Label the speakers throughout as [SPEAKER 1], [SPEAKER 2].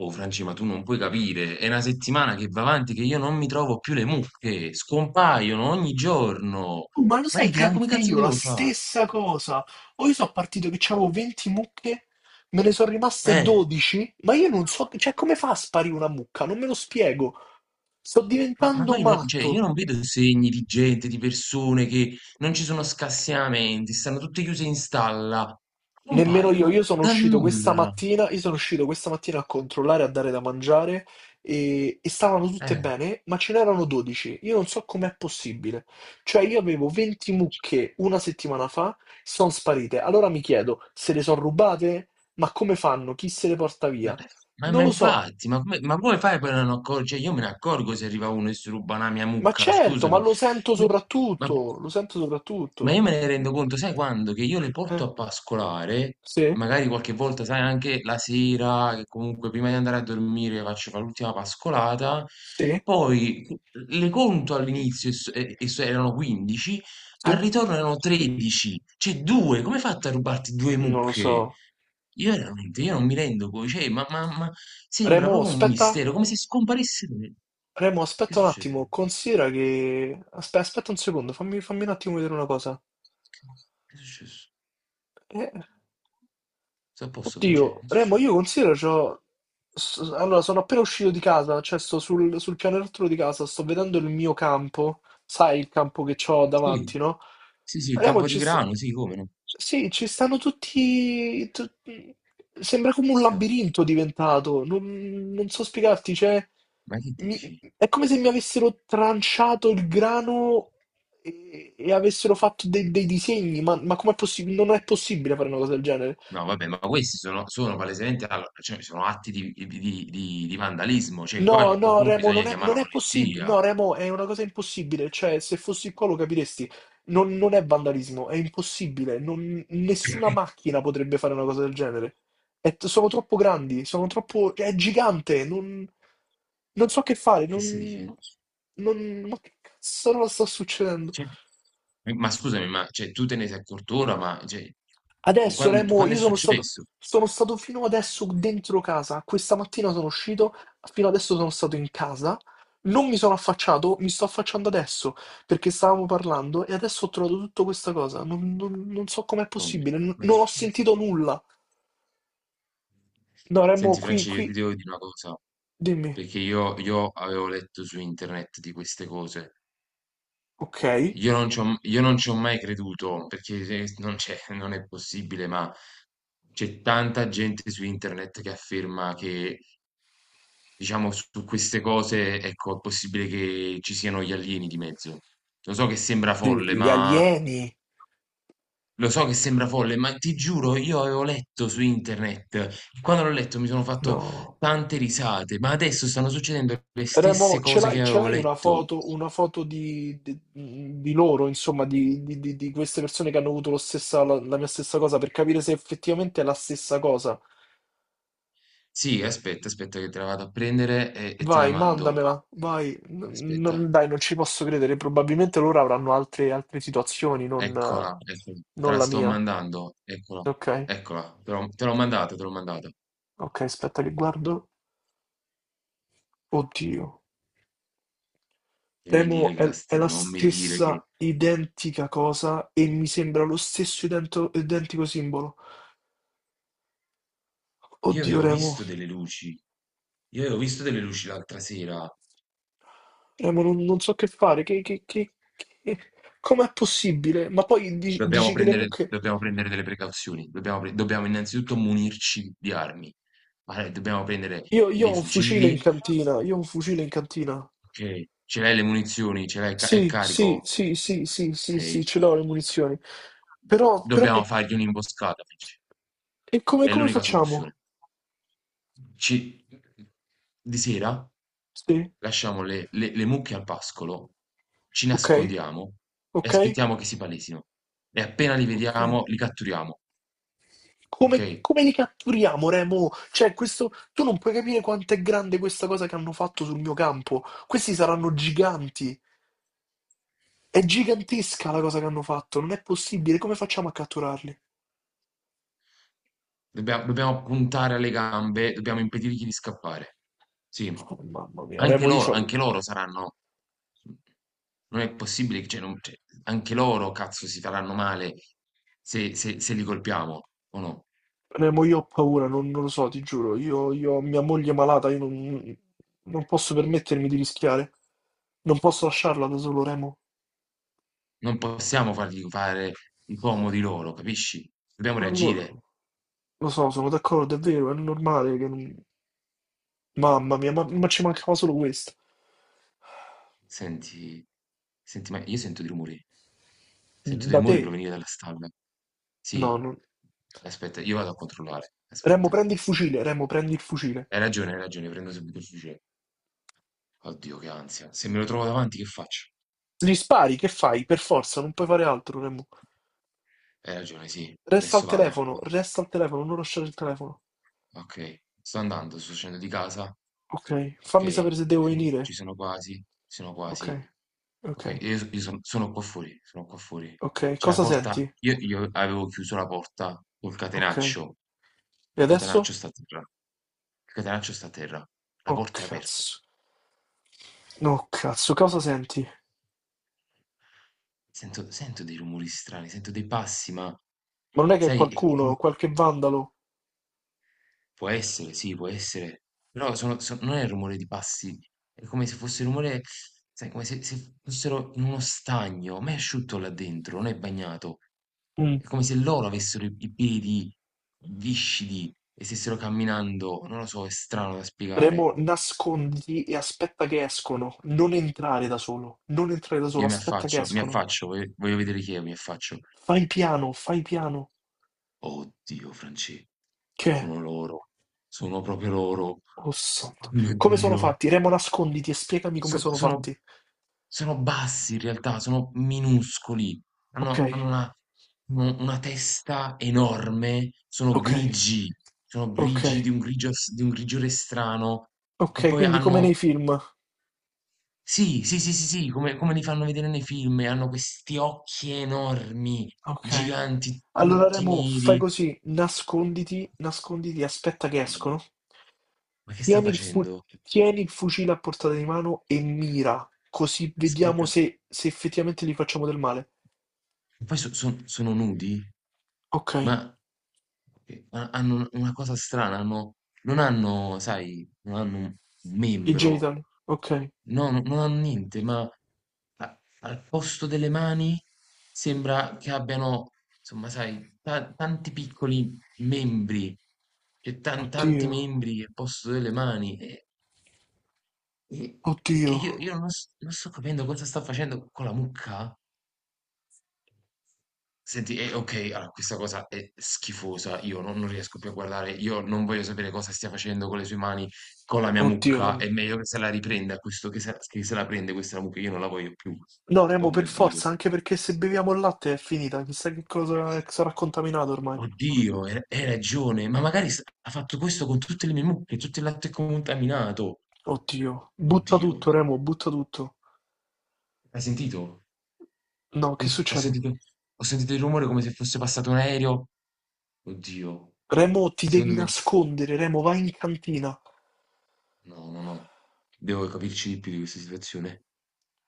[SPEAKER 1] Oh Franci, ma tu non puoi capire, è una settimana che va avanti che io non mi trovo più le mucche, scompaiono ogni giorno.
[SPEAKER 2] Oh, ma lo sai che
[SPEAKER 1] Come
[SPEAKER 2] anche
[SPEAKER 1] cazzo
[SPEAKER 2] io la
[SPEAKER 1] devo fare?
[SPEAKER 2] stessa cosa? O io sono partito che c'avevo 20 mucche, me ne sono rimaste
[SPEAKER 1] Eh,
[SPEAKER 2] 12, ma io non so, cioè come fa a sparire una mucca? Non me lo spiego. Sto
[SPEAKER 1] ma
[SPEAKER 2] diventando
[SPEAKER 1] poi cioè, io
[SPEAKER 2] matto.
[SPEAKER 1] non vedo segni di gente, di persone che non ci sono scassinamenti, stanno tutte chiuse in stalla,
[SPEAKER 2] Nemmeno io
[SPEAKER 1] compaiono
[SPEAKER 2] sono
[SPEAKER 1] dal
[SPEAKER 2] uscito questa
[SPEAKER 1] nulla.
[SPEAKER 2] mattina, a controllare, a dare da mangiare e stavano tutte
[SPEAKER 1] Eh,
[SPEAKER 2] bene, ma ce n'erano 12. Io non so com'è possibile. Cioè io avevo 20 mucche una settimana fa, sono sparite. Allora mi chiedo, se le sono rubate? Ma come fanno? Chi se le porta
[SPEAKER 1] ma,
[SPEAKER 2] via? Non
[SPEAKER 1] ma
[SPEAKER 2] lo so.
[SPEAKER 1] infatti, ma come fai per non accorgere? Cioè, io me ne accorgo se arriva uno e si ruba una mia
[SPEAKER 2] Ma
[SPEAKER 1] mucca,
[SPEAKER 2] certo, ma
[SPEAKER 1] scusami.
[SPEAKER 2] lo sento
[SPEAKER 1] Ma
[SPEAKER 2] soprattutto, lo sento
[SPEAKER 1] Ma
[SPEAKER 2] soprattutto.
[SPEAKER 1] io me ne rendo conto, sai quando? Che io le porto
[SPEAKER 2] Eh,
[SPEAKER 1] a pascolare,
[SPEAKER 2] sì,
[SPEAKER 1] magari qualche volta, sai, anche la sera, che comunque prima di andare a dormire faccio fare l'ultima pascolata,
[SPEAKER 2] sì,
[SPEAKER 1] poi le conto all'inizio, erano 15, al
[SPEAKER 2] sì,
[SPEAKER 1] ritorno erano 13, cioè due, come hai fatto a rubarti due
[SPEAKER 2] non lo so.
[SPEAKER 1] mucche? Io veramente, io non mi rendo conto, cioè, ma sembra
[SPEAKER 2] Remo,
[SPEAKER 1] proprio un
[SPEAKER 2] aspetta.
[SPEAKER 1] mistero, come se scomparissero.
[SPEAKER 2] Remo,
[SPEAKER 1] Che
[SPEAKER 2] aspetta un attimo,
[SPEAKER 1] succede?
[SPEAKER 2] considera che... Aspetta, aspetta un secondo, fammi un attimo vedere una cosa.
[SPEAKER 1] Che, che è successo?
[SPEAKER 2] Eh,
[SPEAKER 1] Sta a posto, Francesco?
[SPEAKER 2] Oddio,
[SPEAKER 1] Che
[SPEAKER 2] Remo,
[SPEAKER 1] succede?
[SPEAKER 2] io considero c'ho... Allora, sono appena uscito di casa, cioè sto sul, pianerottolo di casa, sto vedendo il mio campo, sai il campo che ho
[SPEAKER 1] Sì.
[SPEAKER 2] davanti, no?
[SPEAKER 1] Sì, sì, il
[SPEAKER 2] Remo, ci sta...
[SPEAKER 1] Campotigrano, sì, come no.
[SPEAKER 2] Sì, ci stanno tutti... sembra come un
[SPEAKER 1] Questo-
[SPEAKER 2] labirinto diventato, non so spiegarti, cioè...
[SPEAKER 1] Ma che dici?
[SPEAKER 2] È come se mi avessero tranciato il grano e avessero fatto dei, dei disegni, ma com'è possibile? Non è possibile fare una cosa del genere.
[SPEAKER 1] No, vabbè, ma questi sono, sono palesemente, allora, cioè, sono atti di, di vandalismo, cioè qua
[SPEAKER 2] No,
[SPEAKER 1] c'è
[SPEAKER 2] no,
[SPEAKER 1] qualcuno,
[SPEAKER 2] Remo,
[SPEAKER 1] bisogna
[SPEAKER 2] non è,
[SPEAKER 1] chiamare
[SPEAKER 2] non
[SPEAKER 1] la
[SPEAKER 2] è possibile.
[SPEAKER 1] polizia.
[SPEAKER 2] No, Remo, è una cosa impossibile. Cioè, se fossi qua lo capiresti. Non, non è vandalismo, è impossibile. Nessuna macchina potrebbe fare una cosa del genere. Sono troppo grandi, è gigante, non, non so che fare.
[SPEAKER 1] Che stai
[SPEAKER 2] Non,
[SPEAKER 1] dicendo?
[SPEAKER 2] non, ma che cazzo sta succedendo?
[SPEAKER 1] Cioè, ma scusami, ma cioè, tu te ne sei accorto ora, ma cioè,
[SPEAKER 2] Adesso,
[SPEAKER 1] quando,
[SPEAKER 2] Remo,
[SPEAKER 1] quando è successo?
[SPEAKER 2] sono stato fino adesso dentro casa. Questa mattina sono uscito, fino adesso sono stato in casa. Non mi sono affacciato, mi sto affacciando adesso perché stavamo parlando e adesso ho trovato tutta questa cosa. Non so com'è
[SPEAKER 1] Tommy?
[SPEAKER 2] possibile,
[SPEAKER 1] Ma
[SPEAKER 2] non
[SPEAKER 1] che
[SPEAKER 2] ho
[SPEAKER 1] cazzo?
[SPEAKER 2] sentito nulla. No, Remo,
[SPEAKER 1] Senti,
[SPEAKER 2] qui,
[SPEAKER 1] Francesco, io
[SPEAKER 2] qui,
[SPEAKER 1] ti devo dire una cosa
[SPEAKER 2] dimmi.
[SPEAKER 1] perché io avevo letto su internet di queste cose.
[SPEAKER 2] Ok,
[SPEAKER 1] Io non ci ho mai creduto, perché se non c'è non è possibile, ma c'è tanta gente su internet che afferma che, diciamo, su queste cose, ecco, è possibile che ci siano gli alieni di mezzo. Lo so che sembra folle,
[SPEAKER 2] gli
[SPEAKER 1] ma
[SPEAKER 2] alieni.
[SPEAKER 1] lo so che sembra folle, ma ti giuro, io avevo letto su internet e quando l'ho letto mi sono fatto
[SPEAKER 2] No.
[SPEAKER 1] tante risate, ma adesso stanno succedendo le stesse
[SPEAKER 2] Remo, ce
[SPEAKER 1] cose
[SPEAKER 2] l'hai
[SPEAKER 1] che
[SPEAKER 2] ce
[SPEAKER 1] avevo
[SPEAKER 2] l'hai
[SPEAKER 1] letto.
[SPEAKER 2] una foto di loro, insomma, di queste persone che hanno avuto la mia stessa cosa per capire se effettivamente è la stessa cosa.
[SPEAKER 1] Sì, aspetta, aspetta che te la vado a prendere e te la
[SPEAKER 2] Vai,
[SPEAKER 1] mando.
[SPEAKER 2] mandamela, vai. N-
[SPEAKER 1] Aspetta,
[SPEAKER 2] non- dai, non ci posso credere. Probabilmente loro avranno altre situazioni,
[SPEAKER 1] eccola, eccola, te
[SPEAKER 2] non
[SPEAKER 1] la
[SPEAKER 2] la
[SPEAKER 1] sto
[SPEAKER 2] mia.
[SPEAKER 1] mandando, eccola,
[SPEAKER 2] Ok,
[SPEAKER 1] eccola, te l'ho mandata, te l'ho mandata.
[SPEAKER 2] ok, aspetta che guardo. Oddio.
[SPEAKER 1] Non mi dire
[SPEAKER 2] Remo
[SPEAKER 1] che la
[SPEAKER 2] è
[SPEAKER 1] ste-
[SPEAKER 2] la
[SPEAKER 1] Non mi dire che...
[SPEAKER 2] stessa identica cosa e mi sembra lo stesso identico simbolo.
[SPEAKER 1] Io
[SPEAKER 2] Oddio,
[SPEAKER 1] avevo
[SPEAKER 2] Remo.
[SPEAKER 1] visto delle luci, io avevo visto delle luci l'altra sera.
[SPEAKER 2] Ma non so che fare, che- com'è possibile? Ma poi dici che le mucche...
[SPEAKER 1] Dobbiamo prendere delle precauzioni, dobbiamo innanzitutto munirci di armi. Allora, dobbiamo prendere
[SPEAKER 2] Io, io ho
[SPEAKER 1] dei
[SPEAKER 2] un fucile in
[SPEAKER 1] fucili,
[SPEAKER 2] cantina.
[SPEAKER 1] ok, ce l'hai le munizioni, ce l'hai, è
[SPEAKER 2] Sì, sì,
[SPEAKER 1] carico,
[SPEAKER 2] sì, sì, sì, sì,
[SPEAKER 1] ok.
[SPEAKER 2] sì, ce l'ho le munizioni. Però
[SPEAKER 1] Dobbiamo
[SPEAKER 2] che...
[SPEAKER 1] fargli un'imboscata, Fitch.
[SPEAKER 2] E come,
[SPEAKER 1] È
[SPEAKER 2] come
[SPEAKER 1] l'unica
[SPEAKER 2] facciamo?
[SPEAKER 1] soluzione. Ci di sera
[SPEAKER 2] Sì,
[SPEAKER 1] lasciamo le mucche al pascolo, ci
[SPEAKER 2] ok,
[SPEAKER 1] nascondiamo e
[SPEAKER 2] ok,
[SPEAKER 1] aspettiamo che si palesino e appena li
[SPEAKER 2] ok.
[SPEAKER 1] vediamo li catturiamo,
[SPEAKER 2] Come,
[SPEAKER 1] okay?
[SPEAKER 2] come li catturiamo, Remo? Cioè, questo... Tu non puoi capire quanto è grande questa cosa che hanno fatto sul mio campo. Questi saranno giganti. È gigantesca la cosa che hanno fatto, non è possibile, come facciamo a catturarli?
[SPEAKER 1] Dobbiamo puntare alle gambe, dobbiamo impedirgli di scappare. Sì.
[SPEAKER 2] Oh, mamma mia,
[SPEAKER 1] Anche
[SPEAKER 2] Remo, io,
[SPEAKER 1] loro,
[SPEAKER 2] c'ho-
[SPEAKER 1] anche loro saranno, non è possibile che cioè non cioè, anche loro cazzo si faranno male se se li colpiamo, o no?
[SPEAKER 2] Remo, io ho paura, non, non, lo so, ti giuro, io ho mia moglie malata, io non posso permettermi di rischiare, non posso lasciarla da solo, Remo.
[SPEAKER 1] Non possiamo fargli fare i comodi loro, capisci? Dobbiamo
[SPEAKER 2] Non
[SPEAKER 1] reagire.
[SPEAKER 2] Lo, lo so, sono d'accordo, è vero, è normale che non- Mamma mia, ma ci mancava solo questo.
[SPEAKER 1] Senti, senti, ma io sento dei rumori. Sento dei
[SPEAKER 2] Da
[SPEAKER 1] rumori
[SPEAKER 2] te?
[SPEAKER 1] provenire dalla stalla.
[SPEAKER 2] No,
[SPEAKER 1] Sì,
[SPEAKER 2] non...
[SPEAKER 1] aspetta, io vado a controllare.
[SPEAKER 2] Remo,
[SPEAKER 1] Aspetta.
[SPEAKER 2] prendi il fucile, Remo, prendi il fucile.
[SPEAKER 1] Hai ragione, prendo subito il fucile. Oddio, che ansia. Se me lo trovo davanti, che faccio?
[SPEAKER 2] Gli spari, che fai? Per forza, non puoi fare altro, Remo.
[SPEAKER 1] Hai ragione, sì. Adesso vado.
[SPEAKER 2] Resta al telefono, non lasciare il telefono.
[SPEAKER 1] Ok, sto andando, sto uscendo di casa.
[SPEAKER 2] Ok,
[SPEAKER 1] Ok,
[SPEAKER 2] fammi
[SPEAKER 1] ci
[SPEAKER 2] sapere se devo
[SPEAKER 1] sono
[SPEAKER 2] venire.
[SPEAKER 1] ci sono quasi, ci sono
[SPEAKER 2] Ok,
[SPEAKER 1] quasi.
[SPEAKER 2] ok,
[SPEAKER 1] Ok, io, io sono, sono qua fuori, sono qua fuori.
[SPEAKER 2] ok.
[SPEAKER 1] C'è la
[SPEAKER 2] Cosa
[SPEAKER 1] porta,
[SPEAKER 2] senti?
[SPEAKER 1] io avevo chiuso la porta col
[SPEAKER 2] Ok.
[SPEAKER 1] catenaccio,
[SPEAKER 2] E
[SPEAKER 1] il catenaccio
[SPEAKER 2] adesso?
[SPEAKER 1] sta a terra, il catenaccio sta a terra, la
[SPEAKER 2] Oh
[SPEAKER 1] porta è aperta.
[SPEAKER 2] cazzo. No, cazzo, cosa senti?
[SPEAKER 1] Sento, sento dei rumori strani, sento dei passi, ma
[SPEAKER 2] Ma non è che è
[SPEAKER 1] sai, è come.
[SPEAKER 2] qualcuno, qualche vandalo?
[SPEAKER 1] Può essere, sì, può essere. Però sono so non è il rumore di passi, è come se fosse il rumore, sai, come se fossero in uno stagno, ma è asciutto là dentro, non è bagnato.
[SPEAKER 2] Mm.
[SPEAKER 1] È come se loro avessero i piedi viscidi e stessero camminando, non lo so, è strano da spiegare.
[SPEAKER 2] Remo, nasconditi e aspetta che escono. Non entrare da solo. Non entrare da solo,
[SPEAKER 1] Io
[SPEAKER 2] aspetta che
[SPEAKER 1] mi
[SPEAKER 2] escono.
[SPEAKER 1] affaccio, voglio vedere chi è, mi affaccio.
[SPEAKER 2] Fai piano, fai piano.
[SPEAKER 1] Oddio, Francesco,
[SPEAKER 2] Che? È?
[SPEAKER 1] sono loro, sono proprio loro.
[SPEAKER 2] Oh
[SPEAKER 1] Oh
[SPEAKER 2] santo.
[SPEAKER 1] mio
[SPEAKER 2] Come sono
[SPEAKER 1] Dio.
[SPEAKER 2] fatti? Remo, nasconditi e spiegami come sono
[SPEAKER 1] Sono,
[SPEAKER 2] fatti.
[SPEAKER 1] sono bassi in realtà, sono minuscoli,
[SPEAKER 2] Ok,
[SPEAKER 1] hanno una u una testa enorme,
[SPEAKER 2] ok.
[SPEAKER 1] sono grigi di
[SPEAKER 2] Okay,
[SPEAKER 1] un grigio s di un grigiore strano, e
[SPEAKER 2] okay,
[SPEAKER 1] poi
[SPEAKER 2] quindi come nei
[SPEAKER 1] hanno,
[SPEAKER 2] film.
[SPEAKER 1] sì, sì, sì, sì, sì, come come li fanno vedere nei film, e hanno questi occhi enormi,
[SPEAKER 2] Okay.
[SPEAKER 1] giganti,
[SPEAKER 2] Allora
[SPEAKER 1] tutti
[SPEAKER 2] Remo, fai
[SPEAKER 1] neri.
[SPEAKER 2] così, nasconditi, nasconditi, aspetta che escono.
[SPEAKER 1] Dio, ma che sta
[SPEAKER 2] Tieni il fu-
[SPEAKER 1] facendo?
[SPEAKER 2] tieni il fucile a portata di mano e mira, così vediamo
[SPEAKER 1] Aspetta,
[SPEAKER 2] se, effettivamente gli facciamo del male.
[SPEAKER 1] poi sono nudi?
[SPEAKER 2] Ok,
[SPEAKER 1] Ma che ha hanno una cosa strana, hanno non hanno sai, non hanno un
[SPEAKER 2] i
[SPEAKER 1] membro,
[SPEAKER 2] genitali. Ok.
[SPEAKER 1] no, non hanno niente, ma a al posto delle mani sembra che abbiano, insomma sai, ta tanti piccoli membri, cioè tanti
[SPEAKER 2] Oddio,
[SPEAKER 1] membri al posto delle mani e e
[SPEAKER 2] oddio,
[SPEAKER 1] io non s non sto capendo cosa sta facendo con la mucca. Senti, e okay, allora questa cosa è schifosa, io non riesco più a guardare, io non voglio sapere cosa stia facendo con le sue mani, con la mia
[SPEAKER 2] oddio
[SPEAKER 1] mucca,
[SPEAKER 2] Remo.
[SPEAKER 1] è meglio che se la riprenda questo, che se la prende questa mucca, io non la voglio più.
[SPEAKER 2] No, Remo,
[SPEAKER 1] Oh
[SPEAKER 2] per
[SPEAKER 1] mio Dio.
[SPEAKER 2] forza, anche perché se beviamo il latte è finita, chissà che cosa sarà contaminato ormai.
[SPEAKER 1] Oddio, hai ragione, ma magari s ha fatto questo con tutte le mie mucche, tutto il latte contaminato.
[SPEAKER 2] Oddio, butta
[SPEAKER 1] Oddio,
[SPEAKER 2] tutto, Remo, butta tutto.
[SPEAKER 1] hai sentito?
[SPEAKER 2] No, che
[SPEAKER 1] Io s Ho
[SPEAKER 2] succede?
[SPEAKER 1] sentito, ho sentito il rumore come se fosse passato un aereo. Oddio,
[SPEAKER 2] Remo, ti devi
[SPEAKER 1] secondo me
[SPEAKER 2] nascondere, Remo, vai in cantina.
[SPEAKER 1] no, no, no, devo capirci di più di questa situazione.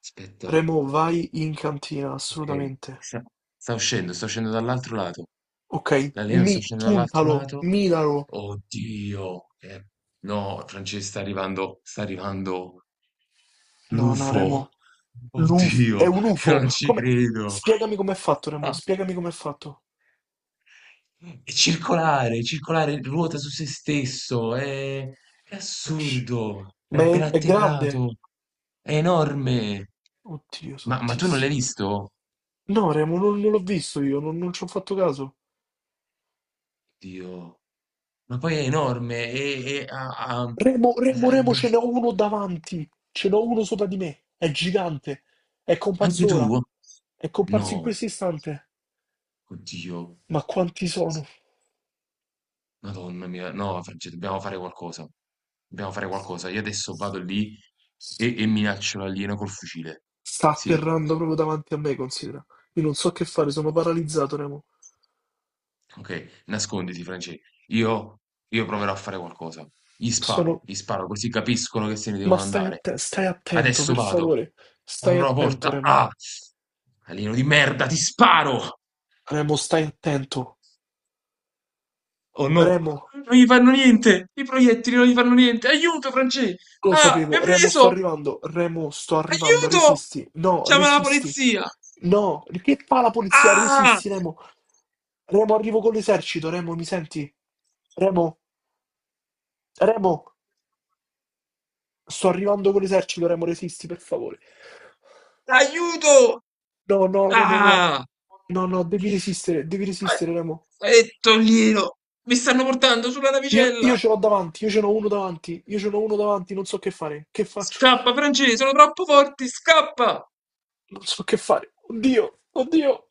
[SPEAKER 1] Aspetta,
[SPEAKER 2] Remo, vai in cantina,
[SPEAKER 1] ok.
[SPEAKER 2] assolutamente.
[SPEAKER 1] Sta, sta uscendo dall'altro lato.
[SPEAKER 2] Ok,
[SPEAKER 1] L'alieno sta uscendo dall'altro
[SPEAKER 2] puntalo,
[SPEAKER 1] lato.
[SPEAKER 2] miralo.
[SPEAKER 1] Oddio. Eh, no, Francesca, sta arrivando
[SPEAKER 2] No, no,
[SPEAKER 1] l'UFO.
[SPEAKER 2] Remo. È
[SPEAKER 1] Oddio,
[SPEAKER 2] un
[SPEAKER 1] io
[SPEAKER 2] UFO.
[SPEAKER 1] non ci
[SPEAKER 2] Come?
[SPEAKER 1] credo.
[SPEAKER 2] Spiegami com'è fatto, Remo,
[SPEAKER 1] Ah,
[SPEAKER 2] spiegami com'è fatto.
[SPEAKER 1] è circolare, ruota su se stesso. È
[SPEAKER 2] Non c'è.
[SPEAKER 1] assurdo. È
[SPEAKER 2] Ma è,
[SPEAKER 1] appena
[SPEAKER 2] è grande?
[SPEAKER 1] atterrato. È enorme.
[SPEAKER 2] Oddio,
[SPEAKER 1] Ma tu non l'hai
[SPEAKER 2] santissimo.
[SPEAKER 1] visto?
[SPEAKER 2] No, Remo, non, non, l'ho visto io, non ci ho fatto caso.
[SPEAKER 1] Oddio. Ma poi è enorme e ha, ha-.
[SPEAKER 2] Remo, Remo, Remo, ce n'ho uno davanti. Ce n'ho uno sopra di me. È gigante. È
[SPEAKER 1] Anche
[SPEAKER 2] comparso ora.
[SPEAKER 1] tu?
[SPEAKER 2] È comparso in
[SPEAKER 1] No,
[SPEAKER 2] questo istante.
[SPEAKER 1] oddio,
[SPEAKER 2] Ma quanti sono?
[SPEAKER 1] Madonna mia, no, Francesco, dobbiamo fare qualcosa. Dobbiamo fare qualcosa. Io adesso vado lì e minaccio l'alieno col fucile.
[SPEAKER 2] Sta
[SPEAKER 1] Sì,
[SPEAKER 2] atterrando proprio davanti a me, considera. Io non so che fare, sono paralizzato, Remo.
[SPEAKER 1] ok, nasconditi, Francesco. Io, io proverò a fare qualcosa.
[SPEAKER 2] Sono...
[SPEAKER 1] Gli sparo, così capiscono che se ne
[SPEAKER 2] Ma
[SPEAKER 1] devono
[SPEAKER 2] stai,
[SPEAKER 1] andare.
[SPEAKER 2] stai attento,
[SPEAKER 1] Adesso
[SPEAKER 2] per
[SPEAKER 1] vado.
[SPEAKER 2] favore. Stai
[SPEAKER 1] Apro la
[SPEAKER 2] attento,
[SPEAKER 1] porta.
[SPEAKER 2] Remo.
[SPEAKER 1] Ah! Alieno di merda, ti sparo!
[SPEAKER 2] Remo, stai attento.
[SPEAKER 1] Oh no,
[SPEAKER 2] Remo.
[SPEAKER 1] non gli fanno niente! I proiettili non gli fanno niente! Aiuto, Francesco!
[SPEAKER 2] Lo
[SPEAKER 1] Ah, mi ha
[SPEAKER 2] sapevo,
[SPEAKER 1] preso!
[SPEAKER 2] Remo, sto arrivando,
[SPEAKER 1] Aiuto! Chiama la
[SPEAKER 2] resisti,
[SPEAKER 1] polizia!
[SPEAKER 2] no, che fa la polizia?
[SPEAKER 1] Ah!
[SPEAKER 2] Resisti, Remo, Remo, arrivo con l'esercito, Remo, mi senti? Remo, Remo, sto arrivando con l'esercito, Remo, resisti, per favore.
[SPEAKER 1] Aiuto!
[SPEAKER 2] No, no, Remo, no,
[SPEAKER 1] Ah!
[SPEAKER 2] no, no, devi resistere, Remo.
[SPEAKER 1] E toglilo! Mi stanno portando sulla
[SPEAKER 2] Io
[SPEAKER 1] navicella!
[SPEAKER 2] ce l'ho davanti, io ce n'ho uno davanti, non so che fare, che faccio,
[SPEAKER 1] Scappa, Francesco, sono troppo forti! Scappa!
[SPEAKER 2] non so che fare, oddio, oddio.